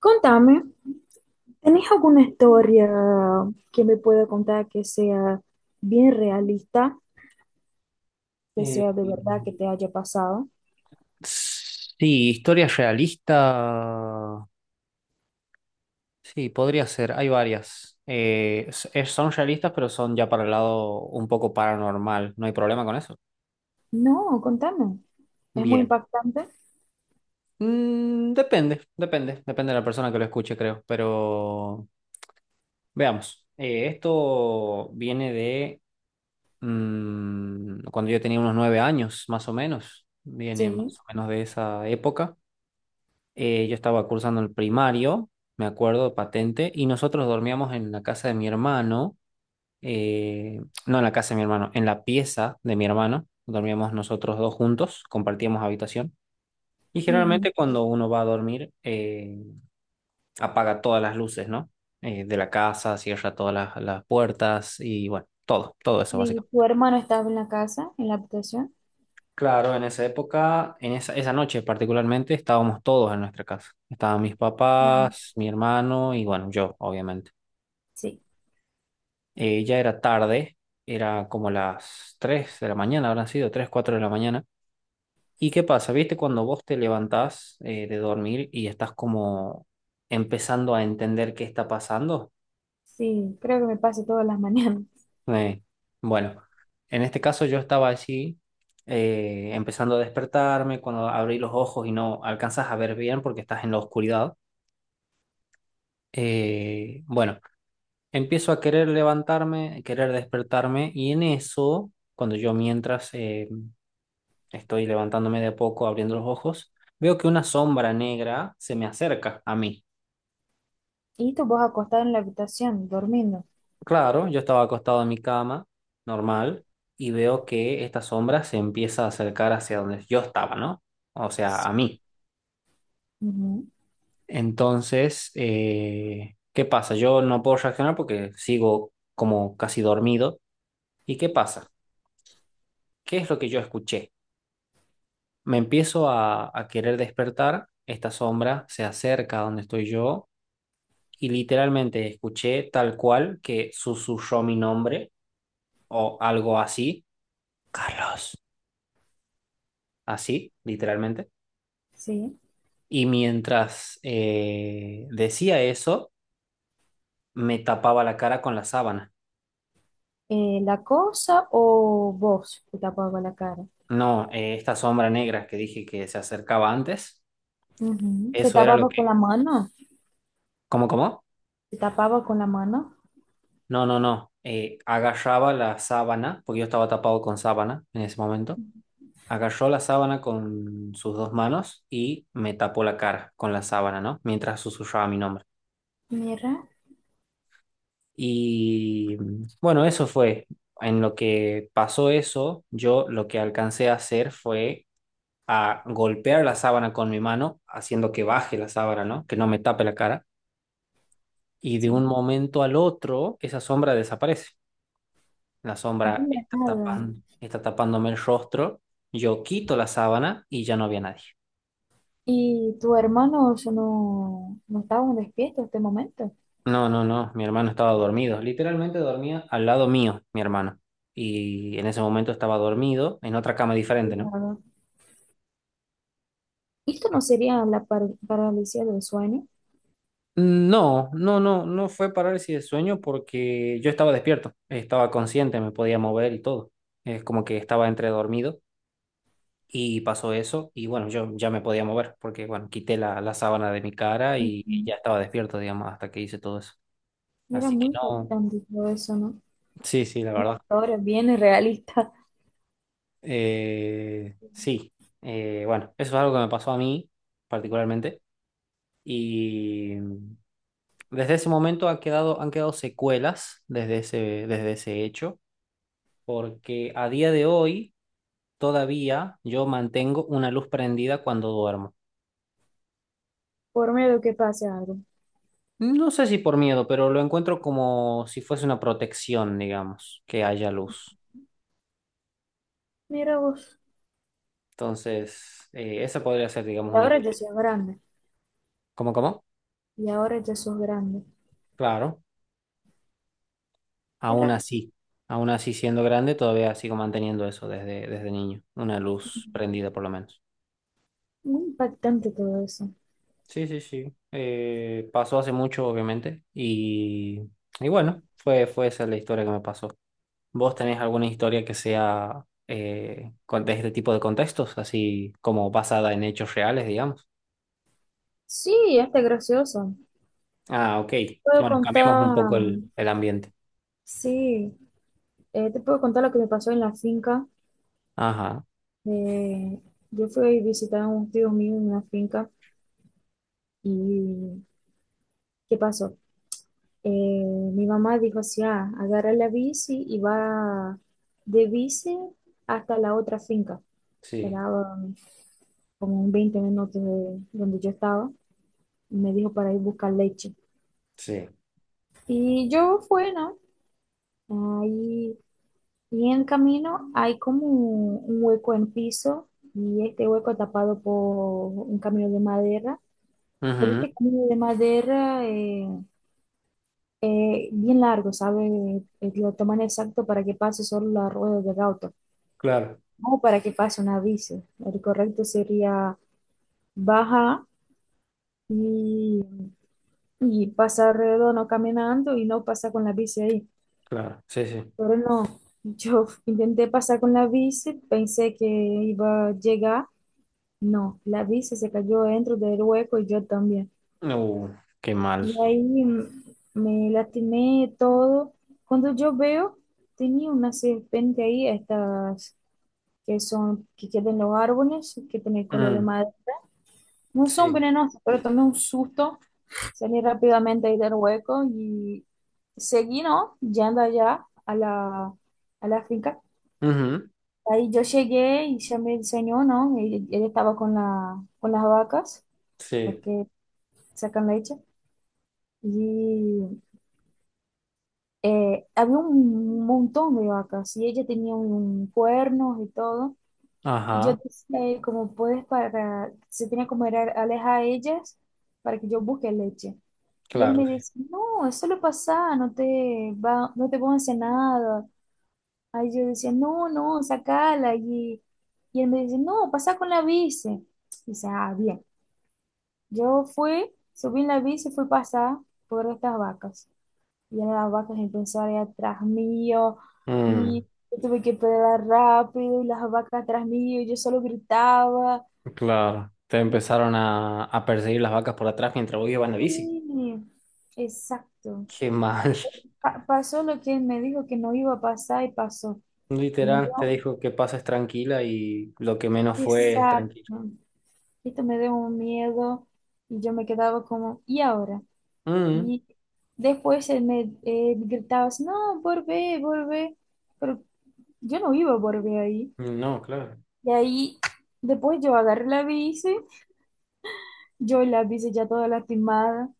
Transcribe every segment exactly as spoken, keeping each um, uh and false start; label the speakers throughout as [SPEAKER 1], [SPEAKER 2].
[SPEAKER 1] Contame, ¿tenés alguna historia que me pueda contar que sea bien realista, que
[SPEAKER 2] Eh,
[SPEAKER 1] sea de verdad que te haya pasado?
[SPEAKER 2] sí, historia realista. Sí, podría ser. Hay varias. Eh, s- es- son realistas, pero son ya para el lado un poco paranormal. ¿No hay problema con eso?
[SPEAKER 1] No, contame. Es muy
[SPEAKER 2] Bien.
[SPEAKER 1] impactante.
[SPEAKER 2] Mm, depende, depende. Depende de la persona que lo escuche, creo. Pero veamos. Eh, esto viene de mm, cuando yo tenía unos nueve años, más o menos. Viene
[SPEAKER 1] Sí,
[SPEAKER 2] más o menos de esa época. Eh, yo estaba cursando el primario, me acuerdo, patente, y nosotros dormíamos en la casa de mi hermano, eh, no en la casa de mi hermano, en la pieza de mi hermano, dormíamos nosotros dos juntos, compartíamos habitación, y
[SPEAKER 1] ujú.
[SPEAKER 2] generalmente cuando uno va a dormir, eh, apaga todas las luces, ¿no? Eh, de la casa, cierra todas las, las puertas y bueno, todo, todo eso
[SPEAKER 1] ¿Y
[SPEAKER 2] básicamente.
[SPEAKER 1] tu hermano estaba en la casa, en la habitación?
[SPEAKER 2] Claro, en esa época, en esa, esa noche particularmente, estábamos todos en nuestra casa. Estaban mis
[SPEAKER 1] Ah,
[SPEAKER 2] papás, mi hermano y bueno, yo, obviamente.
[SPEAKER 1] sí.
[SPEAKER 2] Eh, ya era tarde, era como las tres de la mañana, habrán sido tres cuatro de la mañana. ¿Y qué pasa? ¿Viste cuando vos te levantás eh, de dormir y estás como empezando a entender qué está pasando?
[SPEAKER 1] Sí, creo que me pasa todas las mañanas.
[SPEAKER 2] Eh, bueno, en este caso yo estaba así, eh, empezando a despertarme, cuando abrí los ojos y no alcanzas a ver bien porque estás en la oscuridad. Eh, bueno, empiezo a querer levantarme, querer despertarme y en eso, cuando yo mientras... eh, estoy levantándome de a poco, abriendo los ojos. Veo que una sombra negra se me acerca a mí.
[SPEAKER 1] Y tú vos acostado en la habitación, durmiendo.
[SPEAKER 2] Claro, yo estaba acostado en mi cama, normal, y veo que esta sombra se empieza a acercar hacia donde yo estaba, ¿no? O sea, a
[SPEAKER 1] Sí,
[SPEAKER 2] mí.
[SPEAKER 1] ujú,
[SPEAKER 2] Entonces, eh, ¿qué pasa? Yo no puedo reaccionar porque sigo como casi dormido. ¿Y qué pasa? ¿Qué es lo que yo escuché? Me empiezo a, a querer despertar. Esta sombra se acerca a donde estoy yo y literalmente escuché tal cual que susurró mi nombre o algo así, Carlos, así, literalmente.
[SPEAKER 1] sí.
[SPEAKER 2] Y mientras eh, decía eso, me tapaba la cara con la sábana.
[SPEAKER 1] Eh, ¿la cosa o vos te tapabas la cara?
[SPEAKER 2] No, eh, esta sombra negra que dije que se acercaba antes,
[SPEAKER 1] Ujú. ¿Te
[SPEAKER 2] eso era lo
[SPEAKER 1] tapabas con
[SPEAKER 2] que...
[SPEAKER 1] la mano?
[SPEAKER 2] ¿Cómo, cómo?
[SPEAKER 1] Se tapaba con la mano.
[SPEAKER 2] No, no, no. Eh, agarraba la sábana, porque yo estaba tapado con sábana en ese momento. Agarró la sábana con sus dos manos y me tapó la cara con la sábana, ¿no? Mientras susurraba mi nombre.
[SPEAKER 1] Mira,
[SPEAKER 2] Y mm, bueno, eso fue. En lo que pasó eso, yo lo que alcancé a hacer fue a golpear la sábana con mi mano, haciendo que baje la sábana, ¿no? Que no me tape la cara. Y de un
[SPEAKER 1] sí,
[SPEAKER 2] momento al otro, esa sombra desaparece. La
[SPEAKER 1] de
[SPEAKER 2] sombra
[SPEAKER 1] la
[SPEAKER 2] está
[SPEAKER 1] nada.
[SPEAKER 2] tapando, está tapándome el rostro. Yo quito la sábana y ya no había nadie.
[SPEAKER 1] ¿Y tu hermano eso no, no estaba despierto en este momento?
[SPEAKER 2] No, no, no, mi hermano estaba dormido, literalmente dormía al lado mío, mi hermano. Y en ese momento estaba dormido en otra cama
[SPEAKER 1] De
[SPEAKER 2] diferente, ¿no?
[SPEAKER 1] nada. Esto no sería la par- parálisis del sueño.
[SPEAKER 2] No, no, no, no fue parálisis de sueño porque yo estaba despierto, estaba consciente, me podía mover y todo. Es como que estaba entre dormido y pasó eso y bueno, yo ya me podía mover porque bueno, quité la, la sábana de mi cara y ya
[SPEAKER 1] Ujú.
[SPEAKER 2] estaba despierto, digamos, hasta que hice todo eso.
[SPEAKER 1] Era
[SPEAKER 2] Así que
[SPEAKER 1] muy
[SPEAKER 2] no,
[SPEAKER 1] impactante todo eso, ¿no?
[SPEAKER 2] sí, sí, la
[SPEAKER 1] Una
[SPEAKER 2] verdad.
[SPEAKER 1] historia bien realista,
[SPEAKER 2] Eh, sí. Eh, bueno, eso es algo que me pasó a mí particularmente y mm, desde ese momento ha quedado, han quedado secuelas desde ese, desde ese hecho, porque a día de hoy todavía yo mantengo una luz prendida cuando duermo.
[SPEAKER 1] por miedo que pase algo.
[SPEAKER 2] No sé si por miedo, pero lo encuentro como si fuese una protección, digamos, que haya luz.
[SPEAKER 1] Mira vos,
[SPEAKER 2] Entonces, eh, esa podría ser, digamos,
[SPEAKER 1] y
[SPEAKER 2] una...
[SPEAKER 1] ahora
[SPEAKER 2] historia.
[SPEAKER 1] ya soy grande,
[SPEAKER 2] ¿Cómo, cómo?
[SPEAKER 1] y ahora ya sos grande.
[SPEAKER 2] Claro. Aún
[SPEAKER 1] Era
[SPEAKER 2] así, aún así siendo grande, todavía sigo manteniendo eso desde, desde niño, una luz prendida por lo menos.
[SPEAKER 1] muy impactante todo eso.
[SPEAKER 2] Sí, sí, sí. Eh, pasó hace mucho, obviamente, y, y bueno, fue, fue esa la historia que me pasó. ¿Vos tenés alguna historia que sea eh, con- de este tipo de contextos, así como basada en hechos reales, digamos?
[SPEAKER 1] Sí, hasta gracioso.
[SPEAKER 2] Ah, ok.
[SPEAKER 1] Puedo
[SPEAKER 2] Bueno, cambiamos un
[SPEAKER 1] contar,
[SPEAKER 2] poco el, el ambiente.
[SPEAKER 1] sí. Eh, te puedo contar lo que me pasó en la finca.
[SPEAKER 2] Ajá,
[SPEAKER 1] Eh, yo fui a visitar a un tío mío en una finca y ¿qué pasó? Eh, mi mamá dijo así, ah, agarra la bici y va de bici hasta la otra finca, que
[SPEAKER 2] sí,
[SPEAKER 1] era um, como un veinte minutos de donde yo estaba, y me dijo para ir a buscar leche.
[SPEAKER 2] sí.
[SPEAKER 1] Y yo fui, ¿no? Ahí, y en el camino hay como un un hueco en piso y este hueco tapado por un camino de madera. Pero
[SPEAKER 2] Ujú,
[SPEAKER 1] este camino de madera eh, eh, bien largo, ¿sabes? Lo toman exacto para que pase solo la rueda del auto,
[SPEAKER 2] claro,
[SPEAKER 1] no para que pase una bici. El correcto sería bajar y, y pasar redondo caminando y no pasar con la bici ahí.
[SPEAKER 2] claro, sí, sí.
[SPEAKER 1] Pero no, yo intenté pasar con la bici, pensé que iba a llegar. No, la bici se cayó dentro del hueco y yo también.
[SPEAKER 2] Uh, qué mal.
[SPEAKER 1] Y ahí mm, me lastimé todo. Cuando yo veo, tenía una serpiente ahí, estas que son, que quedan en los árboles, que tienen color de
[SPEAKER 2] Mm.
[SPEAKER 1] madera. No son
[SPEAKER 2] Sí.
[SPEAKER 1] venenosas, pero tomé un susto, salí rápidamente ahí del hueco y seguí, ¿no? Yendo allá a la, a la finca.
[SPEAKER 2] Ujú,
[SPEAKER 1] Ahí yo llegué y ya me enseñó, ¿no? Él, él estaba con la, con las vacas, las
[SPEAKER 2] sí.
[SPEAKER 1] que sacan leche. Y eh, había un montón de vacas y ella tenía un cuernos y todo. Y yo
[SPEAKER 2] Ajá.
[SPEAKER 1] decía, eh, como puedes para, se tenía como era alejar a ellas para que yo busque leche. Y él
[SPEAKER 2] Claro,
[SPEAKER 1] me
[SPEAKER 2] sí.
[SPEAKER 1] decía, no, eso lo pasa, no te va, no te van a hacer nada. Ahí yo decía, no, no, sacala. Y, y él me dice, no, pasa con la bici. Dice, ah, bien. Yo fui, subí en la bici y fui pasar por estas vacas. Viene la vaca impulsora atrás mío
[SPEAKER 2] Mm,
[SPEAKER 1] y yo tuve que pedalar rápido y las vacas atrás mío y yo solo gritaba.
[SPEAKER 2] claro. Te
[SPEAKER 1] Y,
[SPEAKER 2] empezaron a, a perseguir las vacas por atrás mientras vos ibas en la bici.
[SPEAKER 1] y- exacto.
[SPEAKER 2] Qué mal.
[SPEAKER 1] Pa- pasó lo que él me dijo que no iba a pasar y pasó. Me
[SPEAKER 2] Literal, te
[SPEAKER 1] dio
[SPEAKER 2] dijo que pases tranquila y lo que menos fue es
[SPEAKER 1] pesar,
[SPEAKER 2] tranquilo.
[SPEAKER 1] ¿no? Esto me dio un miedo y yo me quedaba como, ¿y ahora?
[SPEAKER 2] Mm,
[SPEAKER 1] Y después él me eh, gritaba, así, no, volvé, volvé. Pero yo no iba a volver ahí.
[SPEAKER 2] no, claro.
[SPEAKER 1] Y ahí, después yo agarré la bici, yo la bici ya toda lastimada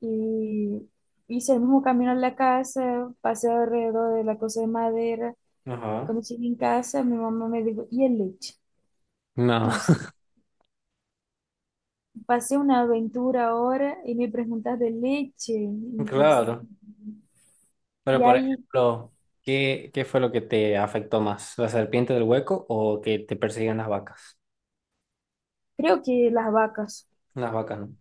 [SPEAKER 1] y hice el mismo camino a la casa, pasé alrededor de la cosa de madera.
[SPEAKER 2] Ajá.
[SPEAKER 1] Cuando llegué en casa, mi mamá me dijo, ¿y el leche?
[SPEAKER 2] No,
[SPEAKER 1] Y s- pasé una aventura ahora y me preguntas de leche, imposible.
[SPEAKER 2] claro. Pero,
[SPEAKER 1] Y
[SPEAKER 2] por
[SPEAKER 1] ahí,
[SPEAKER 2] ejemplo, ¿qué, qué fue lo que te afectó más? ¿La serpiente del hueco o que te persigan las vacas?
[SPEAKER 1] creo que las vacas,
[SPEAKER 2] Las vacas, no.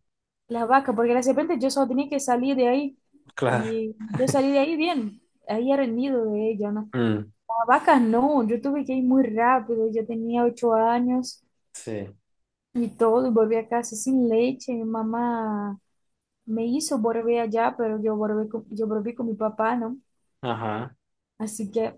[SPEAKER 1] las vacas, porque de repente yo solo tenía que salir de ahí
[SPEAKER 2] Claro.
[SPEAKER 1] y yo salí de ahí bien, ahí era el nido de ella, ¿no?
[SPEAKER 2] Mm,
[SPEAKER 1] A vacas no, yo tuve que ir muy rápido, yo tenía ocho años
[SPEAKER 2] sí.
[SPEAKER 1] y todo, y volví a casa sin leche. Mi mamá me hizo volver allá, pero yo volví con, yo volví con mi papá, ¿no?
[SPEAKER 2] Ajá.
[SPEAKER 1] Así que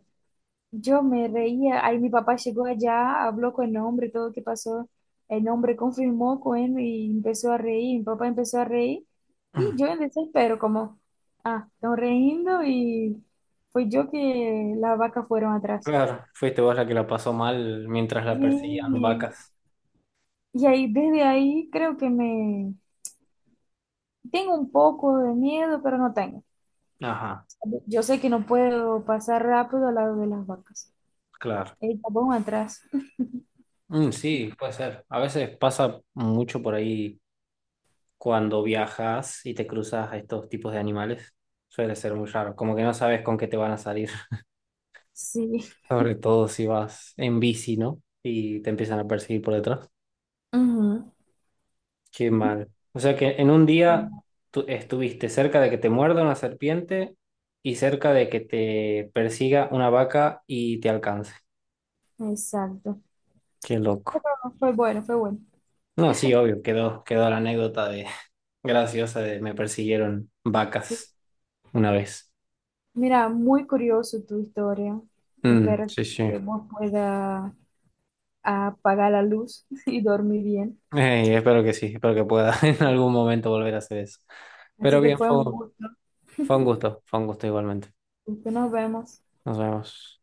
[SPEAKER 1] yo me reía, ahí mi papá llegó allá, habló con el hombre, todo lo que pasó, el hombre confirmó con él y empezó a reír, mi papá empezó a reír y yo en desespero, como, ah, están riendo y fue yo que las vacas fueron atrás.
[SPEAKER 2] Claro, fuiste vos la que la pasó mal mientras la
[SPEAKER 1] Sí,
[SPEAKER 2] perseguían
[SPEAKER 1] sí.
[SPEAKER 2] vacas.
[SPEAKER 1] Y ahí, desde ahí creo que me tengo un poco de miedo, pero no tengo.
[SPEAKER 2] Ajá,
[SPEAKER 1] Yo sé que no puedo pasar rápido al lado de las vacas.
[SPEAKER 2] claro.
[SPEAKER 1] El tapón atrás.
[SPEAKER 2] Mm, sí, puede ser. A veces pasa mucho por ahí cuando viajas y te cruzas a estos tipos de animales. Suele ser muy raro, como que no sabes con qué te van a salir.
[SPEAKER 1] Sí.
[SPEAKER 2] Sobre todo si vas en bici, ¿no? Y te empiezan a perseguir por detrás.
[SPEAKER 1] Ujú.
[SPEAKER 2] Qué mal. O sea que en un día tú estuviste cerca de que te muerda una serpiente y cerca de que te persiga una vaca y te alcance.
[SPEAKER 1] Exacto.
[SPEAKER 2] Qué loco.
[SPEAKER 1] Pero fue bueno, fue bueno.
[SPEAKER 2] No, sí, obvio, quedó, quedó la anécdota de graciosa de me persiguieron
[SPEAKER 1] Sí.
[SPEAKER 2] vacas una vez.
[SPEAKER 1] Mira, muy curioso tu historia.
[SPEAKER 2] Mm,
[SPEAKER 1] Espero
[SPEAKER 2] sí, sí.
[SPEAKER 1] que vos puedas apagar la luz y dormir bien.
[SPEAKER 2] Ey, espero que sí, espero que pueda en algún momento volver a hacer eso. Pero
[SPEAKER 1] Así que
[SPEAKER 2] bien,
[SPEAKER 1] fue
[SPEAKER 2] fue,
[SPEAKER 1] un gusto.
[SPEAKER 2] fue un gusto, fue un gusto igualmente.
[SPEAKER 1] Nos vemos.
[SPEAKER 2] Nos vemos.